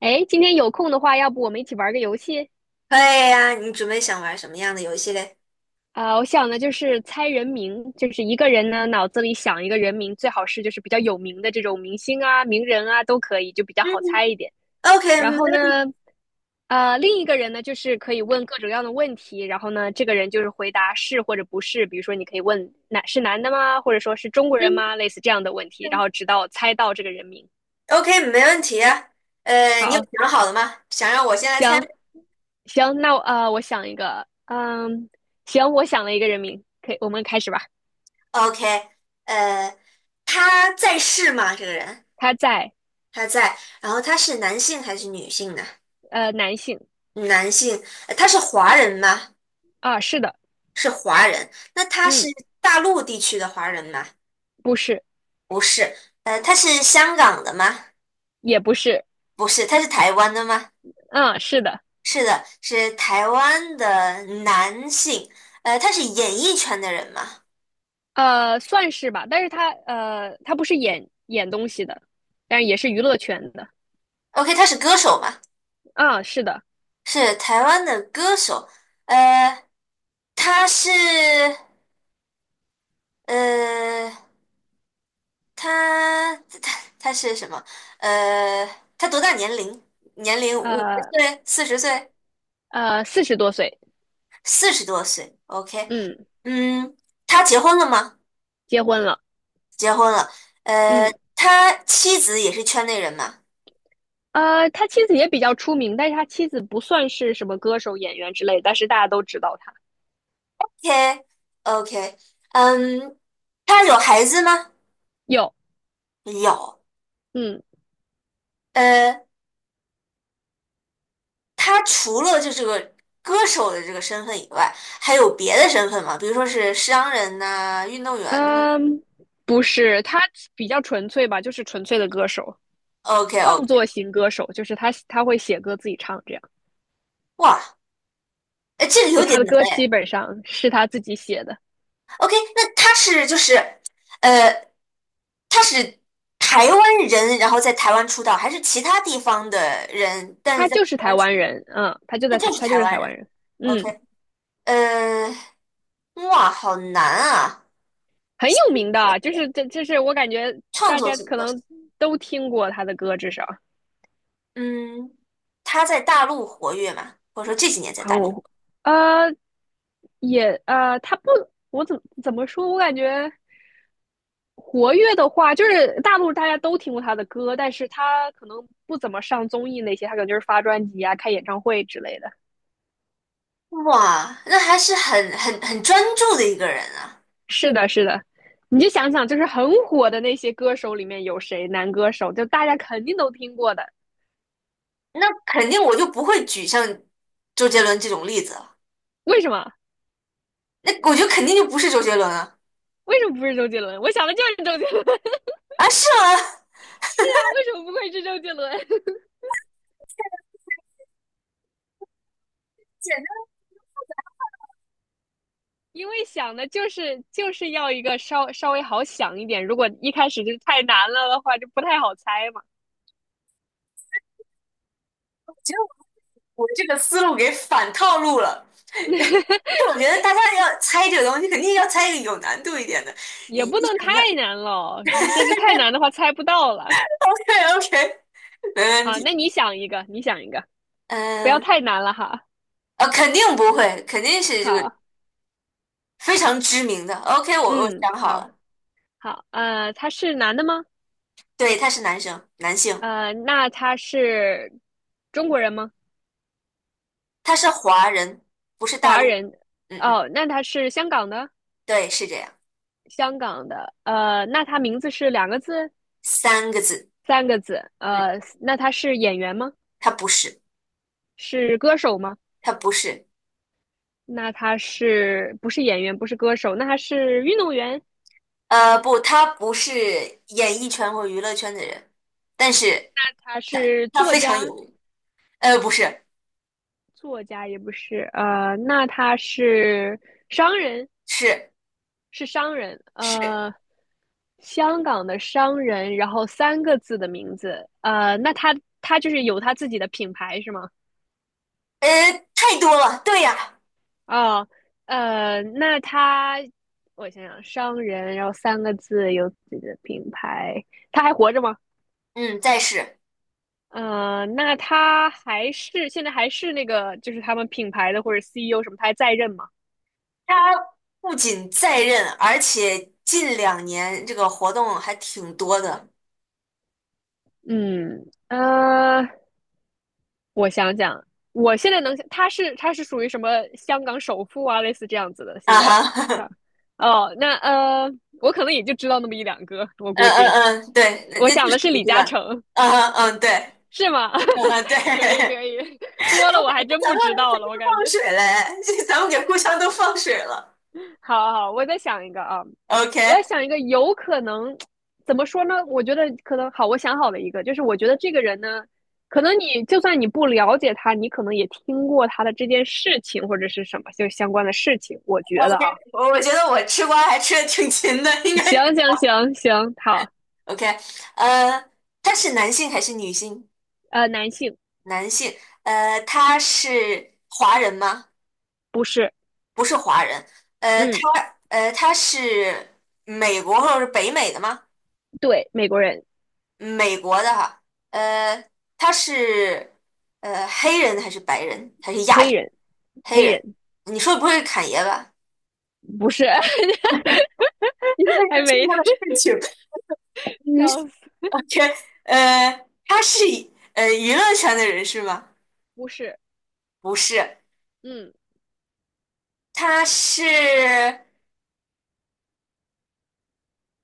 哎，今天有空的话，要不我们一起玩个游戏？可以呀，你准备想玩什么样的游戏嘞？我想的就是猜人名，就是一个人呢脑子里想一个人名，最好是就是比较有名的这种明星啊、名人啊都可以，就比较嗯好猜一点。？OK，然没后问题。呢，另一个人呢就是可以问各种各样的问题，然后呢，这个人就是回答是或者不是，比如说你可以问男是男的吗，或者说是中国人吗，类似这样的问题，然嗯，后直到猜到这个人名。，OK，没问题啊。你有好，想好了吗？想让我先来猜行行，那我我想一个，嗯，行，我想了一个人名，可以，我们开始吧。？OK，呃，他在世吗？这个人他在他在，然后他是男性还是女性呢？男性男性，他是华人吗？啊，是的，是华人。那他是嗯，大陆地区的华人吗？不是，不是。他是香港的吗？也不是，不是。他是台湾的吗？啊，是的，是的，是台湾的男性，他是演艺圈的人嘛算是吧，但是他他不是演东西的，但是也是娱乐圈的，？OK，他是歌手嘛？啊，是的，是台湾的歌手，呃，他是呃，他他是什么？呃，他多大年龄？年龄五十呃岁、40岁、四十多岁，40多岁？OK，嗯，嗯，他结婚了吗？结婚了，结婚了，呃，嗯。他妻子也是圈内人嘛？他妻子也比较出名，但是他妻子不算是什么歌手、演员之类，但是大家都知道他。OK OK，嗯，他有孩子吗？有，有，嗯，呃，他除了就这个歌手的这个身份以外，还有别的身份吗？比如说是商人呐、运动员呐。嗯，不是，他比较纯粹吧，就是纯粹的歌手，OK 创 OK，作型歌手，就是他会写歌自己唱，这样，哇，哎，这个就有点他的难歌哎。基本上是他自己写的。OK，那他是就是，呃，他是台湾人，然后在台湾出道，还是其他地方的人，但是他在台就是台湾出湾道，人，嗯，他就他在就台，是他就台是湾台湾人。人，嗯，OK，呃，哇，好难啊。很有名的，就是这，就是我感觉创大作家型可歌手，能都听过他的歌，至少嗯，他在大陆活跃嘛，或者说这几年在很，大陆。呃，也他不，我怎么说，我感觉。活跃的话，就是大陆大家都听过他的歌，但是他可能不怎么上综艺那些，他可能就是发专辑啊、开演唱会之类的。哇，那还是很专注的一个人啊。是的，是的，你就想想，就是很火的那些歌手里面有谁男歌手，就大家肯定都听过的。那肯定我就不会举像周杰伦这种例子了。为什么？那我觉得肯定就不是周杰伦啊。为什么不是周杰伦？我想的就是周杰伦。啊，是吗？是啊，为什么不会是周杰伦？因为想的就是要一个稍微好想一点，如果一开始就太难了的话，就不太好猜嘛。我这个思路给反套路了。因为我觉得大家要猜这个东西，肯定要猜一个有难度一点的。你也不一能想 太难了，你这是太难的话猜不到了。OK OK，没问好，那题。你想一个，你想一个，不要嗯，太难了哈。肯定不会，肯定是这个好，非常知名的。OK，我嗯，想好好，了，好，他是男的吗？对，他是男生，男性，那他是中国人吗？他是华人，不是大华陆。人？嗯嗯，哦，那他是香港的，对，是这样，香港的。那他名字是两个字、三个字。三个字？嗯，那他是演员吗？他不是，是歌手吗？他不是，那他是不是演员？不是歌手？那他是运动员？不，他不是演艺圈或娱乐圈的人，但是他他是他作非常家？有名。不是，作家也不是，那他是商人，是是商人，是，香港的商人，然后三个字的名字，那他就是有他自己的品牌是吗？呃，太多了。对呀，哦，那他我想想，商人，然后三个字，有自己的品牌，他还活着吗？嗯，再是那他还是现在还是那个，就是他们品牌的或者 CEO 什么，他还在任吗？他不仅在任，而且近2年这个活动还挺多的。嗯，我想想，我现在能想，他是属于什么香港首富啊，类似这样子的。啊现在哈，啊，哦，那我可能也就知道那么一两个，我嗯估计。嗯嗯，对，那我那就想是的是你李知嘉道，诚，嗯嗯嗯，对，是吗？嗯 嗯对，可以咱可以，多了我还们真咱不们知道了，我感觉。放水嘞，咱们给互相都放水了好好好我再想一个啊，，OK 我也想一个，有可能怎么说呢？我觉得可能好，我想好了一个，就是我觉得这个人呢，可能你就算你不了解他，你可能也听过他的这件事情或者是什么就相关的事情。我觉得 OK，啊，我觉得我吃瓜还吃的挺勤的，应 该是 行行行行，好，OK，呃，他是男性还是女性？男性男性，他是华人吗？不是，不是华人，呃，嗯，他呃他是美国或者是北美的吗？对，美国人，美国的哈，呃，他是黑人还是白人还是亚黑裔？人，黑黑人，人你说的不会是侃爷吧？不是，因为要 还听没他的事情，嗯，笑想 死，天，他是娱乐圈的人是吗？不是，不是，嗯，他是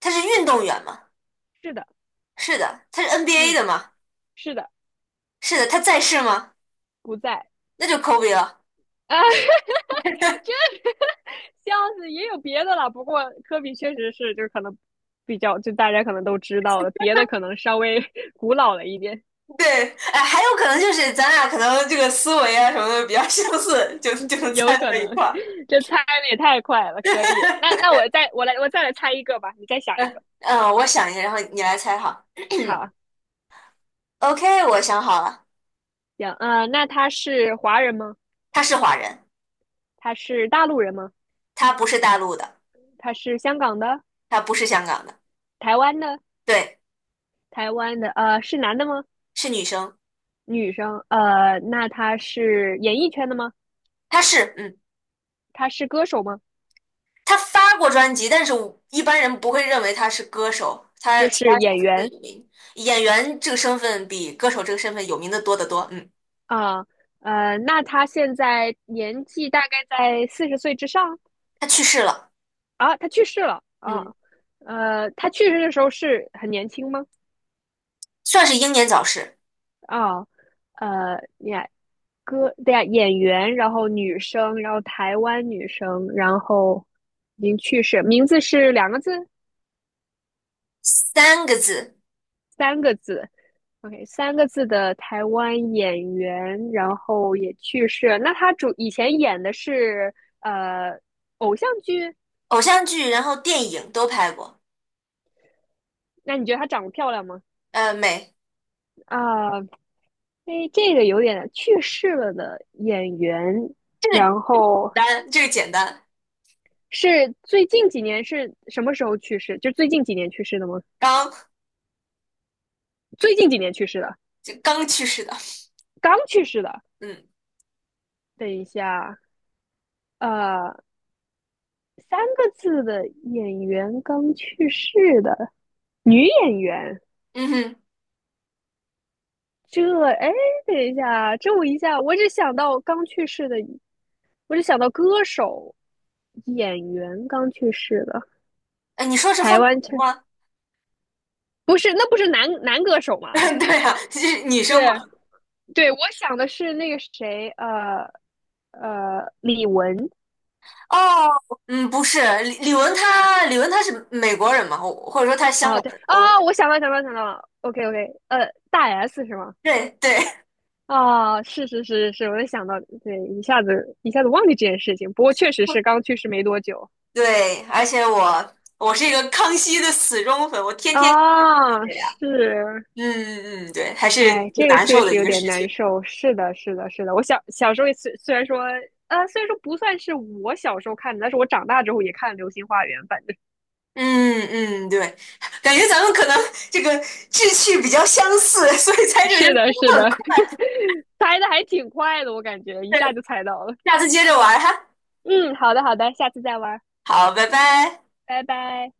他是运动员吗？是的，是的，他是 NBA 的嗯，吗？是的，是的，他在世吗？不在那就 Kobe 了。啊。这 笑死，也有别的了。不过科比确实是，就是可能比较，就大家可能都知道了，别的可能稍微 古老了一点，对，哎，还有可能就是咱俩可能这个思维啊什么的比较相似，就就能有猜可到一能。块儿。这猜的也太快了，可以。那我再来猜一个吧，你再想一嗯个。嗯，我想一下，然后你来猜哈。好，OK，我想好了，行，那他是华人吗？她是华人，他是大陆人吗？她不是大陆的，他是香港的、她不是香港的，台湾的、对，台湾的，是男的吗？是女生，女生，那他是演艺圈的吗？她是，嗯，他是歌手吗？她发过专辑，但是我一般人不会认为她是歌手，她就其他是身演份更员。有名，演员这个身份比歌手这个身份有名的多得多，嗯，啊，那他现在年纪大概在四十岁之上她去世了，啊，他去世了嗯，啊，他去世的时候是很年轻吗？算是英年早逝，啊，呃，呀，歌，对呀，演员，然后女生，然后台湾女生，然后已经去世，名字是两个字，三个字，三个字，OK，三个字的台湾演员，然后也去世了。那他主以前演的是呃偶像剧，偶像剧，然后电影都拍过，那你觉得她长得漂亮吗？美，啊，哎，这个有点去世了的演员，这个简然后单，这个简单，是最近几年是什么时候去世？就最近几年去世的吗？刚最近几年去世的，就刚去世的。刚去世的。嗯等一下，呃，三个字的演员刚去世的女演员，嗯哼，这哎，等一下，这我一下我只想到刚去世的，我只想到歌手，演员刚去世的。哎，你说是方台大湾同腔吗？不是，那不是男歌手吗？对啊，是女生嘛？对对，我想的是那个谁，李玟哦，嗯，不是，李玟她是美国人嘛，我或者说她是香啊，港对人，啊，我想到了，OK OK，大 S 是吗？对对 啊，是是是是，我也想到，对，一下子忘记这件事情，不过确实是 刚去世没多久对，而且我是一个康熙的死忠粉，我天天啊，对呀，是嗯嗯，嗯对，还是哎，挺这个难确受的实一有个点事难情。受。是的，是的，是的。我小时候也虽然说，虽然说不算是我小时候看的，但是我长大之后也看《流星花园》，反正嗯嗯，对，感觉咱们可能这个志趣比较相似，所以猜这个是的，就是很的，快。猜的还挺快的，我感觉一下对，就猜到了。下次接着玩哈。嗯，好的，好的，下次再玩，好，拜拜。拜拜。